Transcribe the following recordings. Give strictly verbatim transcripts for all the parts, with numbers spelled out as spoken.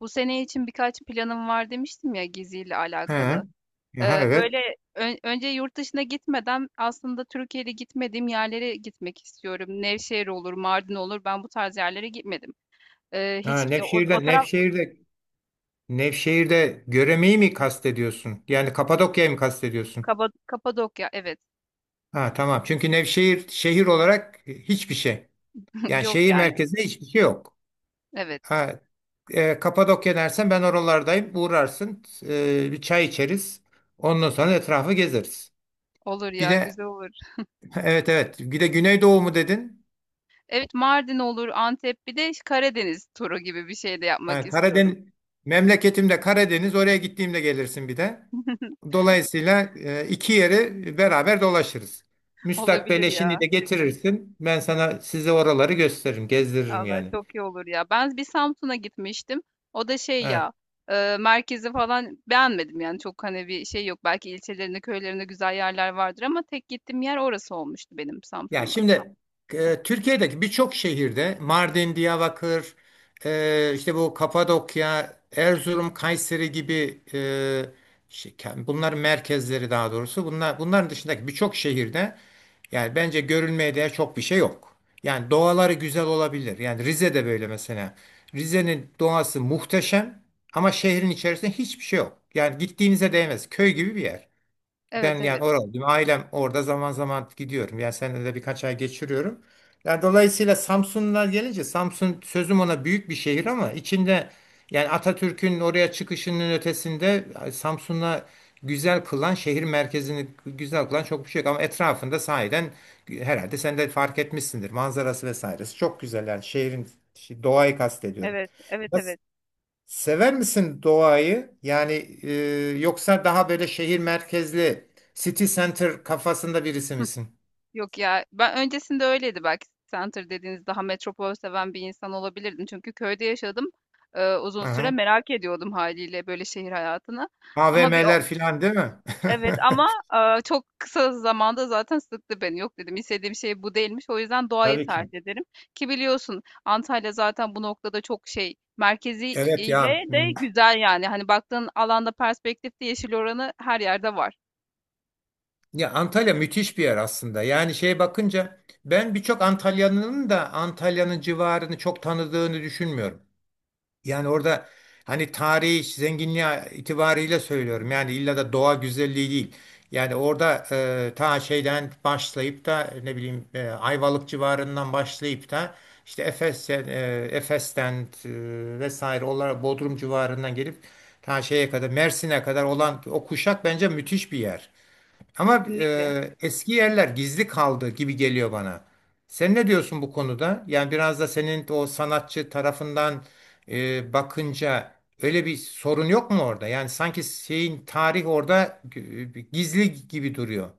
Bu sene için birkaç planım var demiştim ya geziyle He. alakalı. Aha, Eee, evet. böyle ön- önce yurt dışına gitmeden aslında Türkiye'de gitmediğim yerlere gitmek istiyorum. Nevşehir olur, Mardin olur. Ben bu tarz yerlere gitmedim. Eee, Ha, hiç e, o, o Nevşehir'de taraf. Nevşehir'de Nevşehir'de Göreme'yi mi kastediyorsun? Yani Kapadokya'yı mı kastediyorsun? Kaba- Kapadokya, evet. Ha, tamam. Çünkü Nevşehir şehir olarak hiçbir şey. Yani Yok şehir yani. merkezinde hiçbir şey yok. Evet. Ha, e, Kapadokya dersen ben oralardayım. Uğrarsın. e, bir çay içeriz. Ondan sonra etrafı gezeriz. Olur Bir ya, de güzel olur. evet evet. Bir de Güneydoğu mu dedin? Evet, Mardin olur, Antep, bir de Karadeniz turu gibi bir şey de yapmak Ha, Karadeniz istiyorum. memleketimde Karadeniz. Oraya gittiğimde gelirsin bir de. Dolayısıyla e, iki yeri beraber dolaşırız. Müstakbel Olabilir eşini ya. de getirirsin. Ben sana size oraları gösteririm, gezdiririm Vallahi yani. çok iyi olur ya. Ben bir Samsun'a gitmiştim. O da şey He. ya, e, merkezi falan beğenmedim yani, çok hani bir şey yok. Belki ilçelerinde, köylerinde güzel yerler vardır ama tek gittiğim yer orası olmuştu benim Ya Samsun'da. şimdi e, Türkiye'deki birçok şehirde Mardin, Diyarbakır, e, işte bu Kapadokya, Erzurum, Kayseri gibi e, şey, bunların merkezleri daha doğrusu bunlar bunların dışındaki birçok şehirde yani bence görülmeye değer çok bir şey yok. Yani doğaları güzel olabilir. Yani Rize'de böyle mesela. Rize'nin doğası muhteşem ama şehrin içerisinde hiçbir şey yok. Yani gittiğinize değmez. Köy gibi bir yer. Ben Evet, evet. yani oralıyım. Ailem orada zaman zaman gidiyorum. Yani senede de birkaç ay geçiriyorum. Yani dolayısıyla Samsunlar gelince Samsun sözüm ona büyük bir şehir ama içinde yani Atatürk'ün oraya çıkışının ötesinde Samsun'a güzel kılan şehir merkezini güzel kılan çok bir şey yok. Ama etrafında sahiden herhalde sen de fark etmişsindir. Manzarası vesairesi çok güzel yani şehrin şey, doğayı kastediyorum. Evet, evet, evet. Sever misin doğayı? Yani e, yoksa daha böyle şehir merkezli city center kafasında birisi misin? Yok ya, ben öncesinde öyleydi, belki center dediğiniz, daha metropol seven bir insan olabilirdim. Çünkü köyde yaşadım, e, uzun süre Aha. merak ediyordum haliyle böyle şehir hayatını. Ama bir o- A V M'ler filan değil mi? Evet, ama eee, çok kısa zamanda zaten sıktı beni. Yok dedim, istediğim şey bu değilmiş. O yüzden doğayı Tabii ki. tercih ederim. Ki biliyorsun, Antalya zaten bu noktada çok şey, merkezi Evet ile ya. de m- güzel yani. Hani baktığın alanda, perspektifte yeşil oranı her yerde var. Ya Antalya müthiş bir yer aslında. Yani şeye bakınca ben birçok Antalyalı'nın da Antalya'nın civarını çok tanıdığını düşünmüyorum. Yani orada hani tarihi zenginliği itibariyle söylüyorum. Yani illa da doğa güzelliği değil. Yani orada e, ta şeyden başlayıp da ne bileyim e, Ayvalık civarından başlayıp da işte Efes, e, Efes'ten e, vesaire olarak Bodrum civarından gelip ta şeye kadar Mersin'e kadar olan o kuşak bence müthiş bir yer. Ama Kesinlikle. e, eski yerler gizli kaldı gibi geliyor bana. Sen ne diyorsun bu konuda? Yani biraz da senin o sanatçı tarafından e, bakınca öyle bir sorun yok mu orada? Yani sanki şeyin tarih orada e, gizli gibi duruyor.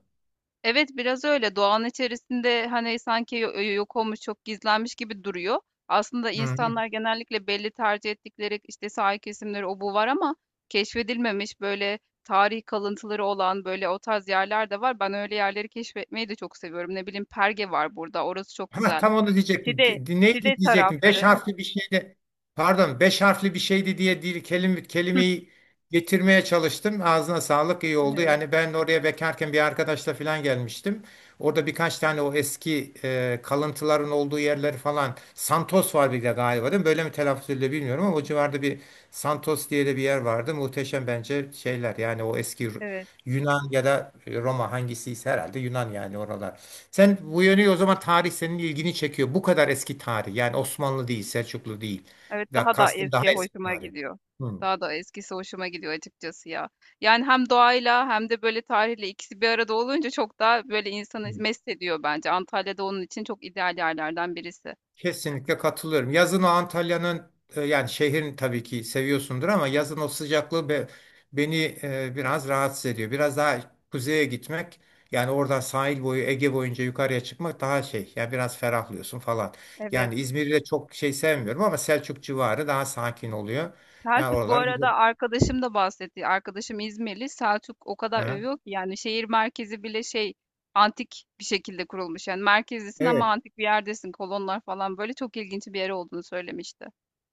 Evet, biraz öyle. Doğanın içerisinde, hani, sanki yo yok olmuş, çok gizlenmiş gibi duruyor. Aslında Hı hı. insanlar genellikle belli tercih ettikleri, işte, sahil kesimleri o bu var ama keşfedilmemiş, böyle, tarih kalıntıları olan, böyle, o tarz yerler de var. Ben öyle yerleri keşfetmeyi de çok seviyorum. Ne bileyim, Perge var burada, orası çok Ha, güzel. tam onu diyecektim. Çide, Di- Çide Neydi diyecektim? Beş tarafları. harfli bir şeydi. Pardon, beş harfli bir şeydi diye değil, kelime, kelimeyi getirmeye çalıştım. Ağzına sağlık iyi oldu. Evet, Yani ben oraya bekarken bir arkadaşla falan gelmiştim. Orada birkaç tane o eski e, kalıntıların olduğu yerleri falan. Santos var bir de galiba değil mi? Böyle mi telaffuz ediliyor bilmiyorum ama o civarda bir Santos diye de bir yer vardı. Muhteşem bence şeyler. Yani o eski Ru- evet. Yunan ya da Roma hangisiyse herhalde Yunan yani oralar. Sen bu yönü o zaman tarih senin ilgini çekiyor. Bu kadar eski tarih. Yani Osmanlı değil, Selçuklu değil. Evet, Ya daha da kastım daha eski eski hoşuma tarih. gidiyor. Hı, Daha da eskisi hoşuma gidiyor açıkçası ya. Yani hem doğayla hem de böyle tarihle ikisi bir arada olunca çok daha böyle insanı hı. mest ediyor bence. Antalya'da onun için çok ideal yerlerden birisi. Kesinlikle katılıyorum. Yazın o Antalya'nın e, yani şehrin tabii ki seviyorsundur ama yazın o sıcaklığı be- beni e, biraz rahatsız ediyor. Biraz daha kuzeye gitmek yani oradan sahil boyu Ege boyunca yukarıya çıkmak daha şey. Yani biraz ferahlıyorsun falan. Evet. Yani İzmir'i de çok şey sevmiyorum ama Selçuk civarı daha sakin oluyor. Yani Selçuk bu oralar güzel. arada, arkadaşım da bahsetti. Arkadaşım İzmirli. Selçuk o kadar Hı. övüyor ki, yani şehir merkezi bile şey, antik bir şekilde kurulmuş. Yani merkezdesin ama Evet. antik bir yerdesin. Kolonlar falan, böyle çok ilginç bir yer olduğunu söylemişti.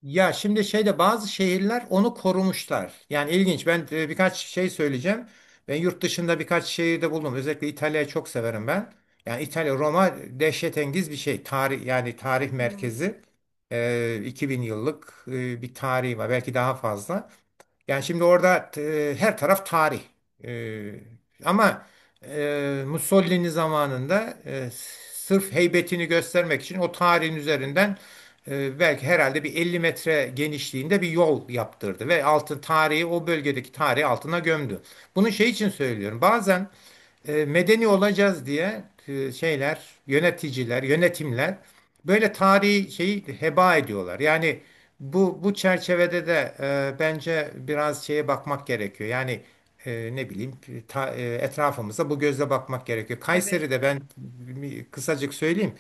Ya şimdi şeyde bazı şehirler onu korumuşlar. Yani ilginç. Ben e, birkaç şey söyleyeceğim. Ben yurt dışında birkaç şehirde bulundum. Özellikle İtalya'yı çok severim ben. Yani İtalya, Roma dehşetengiz bir şey. Tarih yani tarih Hmm, merkezi. E, iki bin yıllık e, bir tarihi var. Belki daha fazla. Yani şimdi orada e, her taraf tarih. E, ama e, Mussolini zamanında e, sırf heybetini göstermek için o tarihin üzerinden e, belki herhalde bir elli metre genişliğinde bir yol yaptırdı ve altın tarihi o bölgedeki tarihi altına gömdü. Bunu şey için söylüyorum. Bazen e, medeni olacağız diye e, şeyler, yöneticiler, yönetimler böyle tarihi şeyi heba ediyorlar. Yani bu bu çerçevede de e, bence biraz şeye bakmak gerekiyor. Yani e, ne bileyim ta- e, etrafımıza bu gözle bakmak gerekiyor. evet. Kayseri'de ben bir- kısacık söyleyeyim.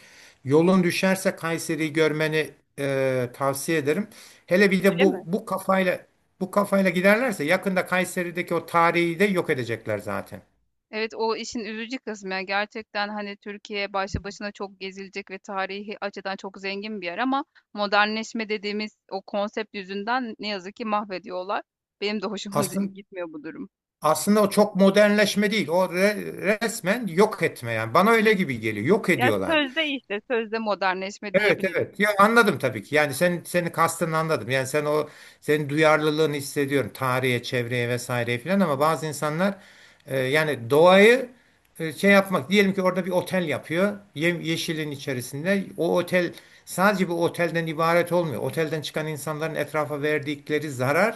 Yolun düşerse Kayseri'yi görmeni e, tavsiye ederim. Hele bir de Öyle bu mi? bu kafayla bu kafayla giderlerse yakında Kayseri'deki o tarihi de yok edecekler zaten. Evet, o işin üzücü kısmı ya, gerçekten hani Türkiye başlı başına çok gezilecek ve tarihi açıdan çok zengin bir yer ama modernleşme dediğimiz o konsept yüzünden ne yazık ki mahvediyorlar. Benim de hoşuma Aslında gitmiyor bu durum. Aslında o çok modernleşme değil. O re- resmen yok etme yani. Bana öyle gibi geliyor. Yok Ya ediyorlar. sözde, işte sözde modernleşme Evet, diyebiliriz. evet. Ya anladım tabii ki. Yani sen seni kastını anladım. Yani sen o senin duyarlılığını hissediyorum. Tarihe, çevreye vesaireye filan ama bazı insanlar e, yani doğayı e, şey yapmak diyelim ki orada bir otel yapıyor. Ye- yeşilin içerisinde. O otel sadece bu otelden ibaret olmuyor. Otelden çıkan insanların etrafa verdikleri zararı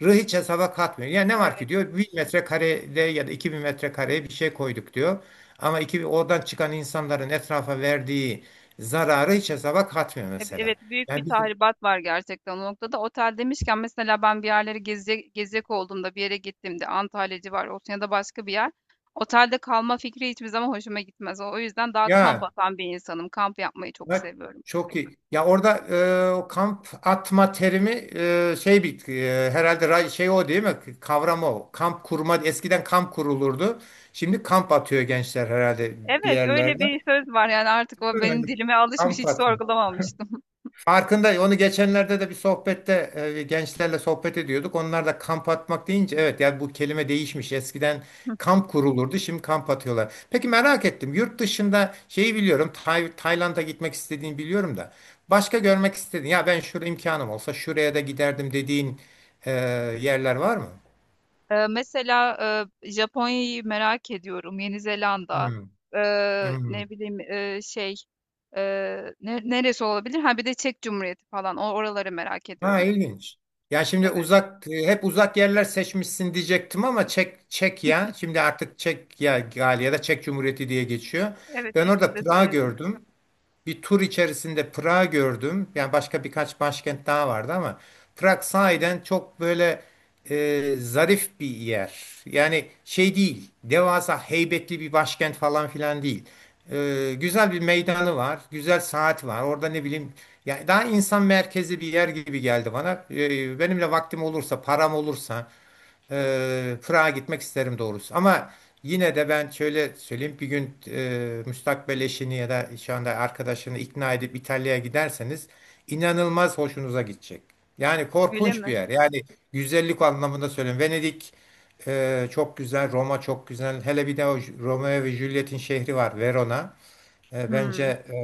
hiç hesaba katmıyor. Yani ne var Evet. ki diyor bin metrekarede ya da iki bin metrekareye bir şey koyduk diyor. Ama iki, oradan çıkan insanların etrafa verdiği zararı hiç hesaba katmıyor E- mesela. Evet, büyük bir Yani bizim tahribat var gerçekten o noktada. Otel demişken, mesela ben bir yerleri gezecek, gezecek olduğumda, bir yere gittiğimde, Antalya civarı olsun ya da başka bir yer. Otelde kalma fikri hiçbir zaman hoşuma gitmez. O yüzden daha kamp ya atan bir insanım. Kamp yapmayı çok bak seviyorum. çok iyi. Ya orada e, o kamp atma terimi e, şey bir e, herhalde ra- şey o değil mi? Kavram o. Kamp kurma eskiden kamp kurulurdu. Şimdi kamp atıyor gençler herhalde bir Evet, öyle yerlerde. bir söz var yani, artık o benim Öyle. dilime alışmış, Kamp hiç atma. sorgulamamıştım. Farkında onu geçenlerde de bir sohbette e, gençlerle sohbet ediyorduk. Onlar da kamp atmak deyince evet yani bu kelime değişmiş. Eskiden kamp kurulurdu şimdi kamp atıyorlar. Peki merak ettim yurt dışında şeyi biliyorum Tay- Tayland'a gitmek istediğini biliyorum da başka görmek istediğin ya ben şurada imkanım olsa şuraya da giderdim dediğin e, yerler var mı? Ee, mesela e, Japonya'yı merak ediyorum. Yeni Zelanda. Hmm. Ee, hmm. ne bileyim, e, şey, e, ne- neresi olabilir? Ha, bir de Çek Cumhuriyeti falan. O oraları merak Ha, ediyorum. ilginç. Ya şimdi Evet. uzak e, hep uzak yerler seçmişsin diyecektim ama Çek, Çek ya. şimdi artık Çekya ya ya da Çek Cumhuriyeti diye geçiyor. Evet, Ben ikisi orada de Prag'ı söyleniyor. gördüm bir tur içerisinde Prag'ı gördüm. Yani başka birkaç başkent daha vardı ama Prag sahiden çok böyle e, zarif bir yer. Yani şey değil, devasa heybetli bir başkent falan filan değil. E, güzel bir meydanı var, güzel saat var. Orada ne bileyim, yani daha insan merkezi bir yer gibi geldi bana. E, benimle vaktim olursa, param olursa. Eee Prag'a gitmek isterim doğrusu. Ama yine de ben şöyle söyleyeyim. Bir gün eee müstakbel eşini ya da şu anda arkadaşını ikna edip İtalya'ya giderseniz inanılmaz hoşunuza gidecek. Yani Öyle korkunç bir mi? yer. Yani güzellik anlamında söylüyorum. Venedik eee, çok güzel, Roma çok güzel. Hele bir de o Ju- Romeo ve Juliet'in şehri var, Verona. E, Bence Hmm. e,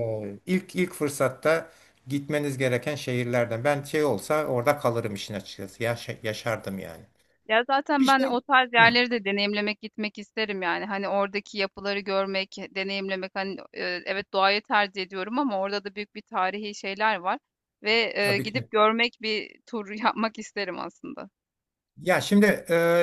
ilk ilk fırsatta gitmeniz gereken şehirlerden. Ben şey olsa orada kalırım işin açıkçası. Yaşa- yaşardım yani. Ya Bir zaten ben o şey tarz Hı, yerleri de deneyimlemek, gitmek isterim yani. Hani oradaki yapıları görmek, deneyimlemek. Hani, e, evet doğayı tercih ediyorum ama orada da büyük bir tarihi şeyler var. Ve e, tabii ki. gidip görmek, bir tur yapmak isterim aslında. Ya şimdi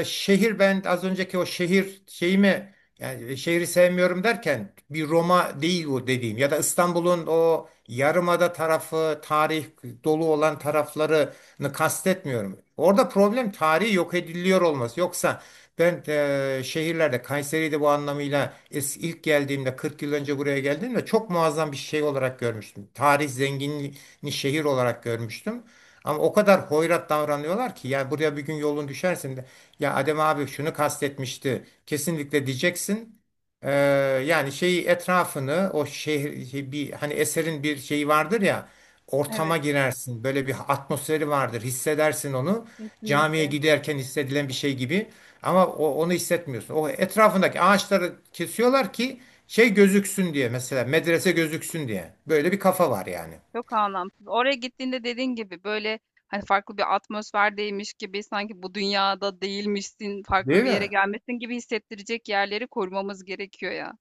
e, şehir ben az önceki o şehir şeyimi yani şehri sevmiyorum derken bir Roma değil bu dediğim ya da İstanbul'un o yarımada tarafı tarih dolu olan taraflarını kastetmiyorum. Orada problem tarihi yok ediliyor olması. Yoksa ben e, şehirlerde Kayseri'de bu anlamıyla es- ilk geldiğimde kırk yıl önce buraya geldiğimde çok muazzam bir şey olarak görmüştüm. Tarih zenginliğini şehir olarak görmüştüm. Ama o kadar hoyrat davranıyorlar ki ya buraya bir gün yolun düşersin de ya Adem abi şunu kastetmişti kesinlikle diyeceksin. Ee, Yani şeyi etrafını o şehir şey bir hani eserin bir şeyi vardır ya Evet. ortama girersin böyle bir atmosferi vardır hissedersin onu camiye Kesinlikle. giderken hissedilen bir şey gibi ama o, onu hissetmiyorsun. O etrafındaki ağaçları kesiyorlar ki şey gözüksün diye mesela medrese gözüksün diye böyle bir kafa var yani Çok anlamsız. Oraya gittiğinde, dediğin gibi böyle hani farklı bir atmosferdeymiş gibi, sanki bu dünyada değilmişsin, farklı değil bir yere mi? gelmesin gibi hissettirecek yerleri korumamız gerekiyor ya.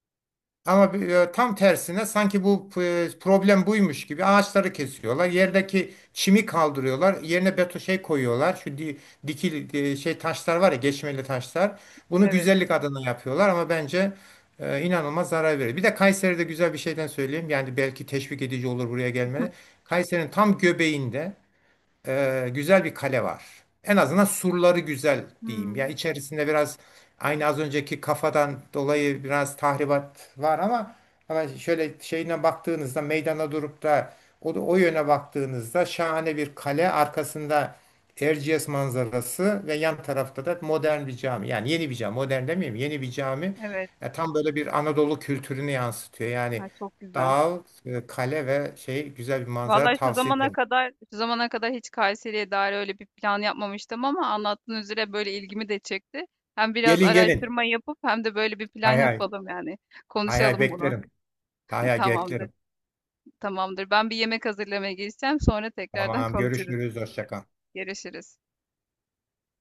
Ama bir- e, tam tersine sanki bu e, problem buymuş gibi ağaçları kesiyorlar. Yerdeki çimi kaldırıyorlar. Yerine beton şey koyuyorlar. Şu di- dikil e, şey taşlar var ya geçmeli taşlar. Bunu Evet. güzellik adına yapıyorlar ama bence e, inanılmaz zarar veriyor. Bir de Kayseri'de güzel bir şeyden söyleyeyim. Yani belki teşvik edici olur buraya gelmeni. Kayseri'nin tam göbeğinde e, güzel bir kale var. En azından surları güzel diyeyim. Ya Hmm, içerisinde biraz aynı az önceki kafadan dolayı biraz tahribat var ama ama şöyle şeyine baktığınızda meydana durup da o, o yöne baktığınızda şahane bir kale arkasında Erciyes manzarası ve yan tarafta da modern bir cami. Yani yeni bir cami, modern demeyeyim, yeni bir cami. evet. Ya tam böyle bir Anadolu kültürünü yansıtıyor. Yani Ay, çok güzel. dağ, e, kale ve şey güzel bir manzara Vallahi şu tavsiye zamana ederim. kadar şu zamana kadar hiç Kayseri'ye dair öyle bir plan yapmamıştım ama anlattığın üzere böyle ilgimi de çekti. Hem biraz Gelin gelin. araştırma yapıp hem de böyle bir plan Hay hay. yapalım yani. Hay hay Konuşalım bunu. beklerim. Hay hay Tamamdır. beklerim. Tamamdır. Ben bir yemek hazırlamaya geçeceğim. Sonra tekrardan Tamam, konuşuruz. görüşürüz. Hoşça kal. Görüşürüz.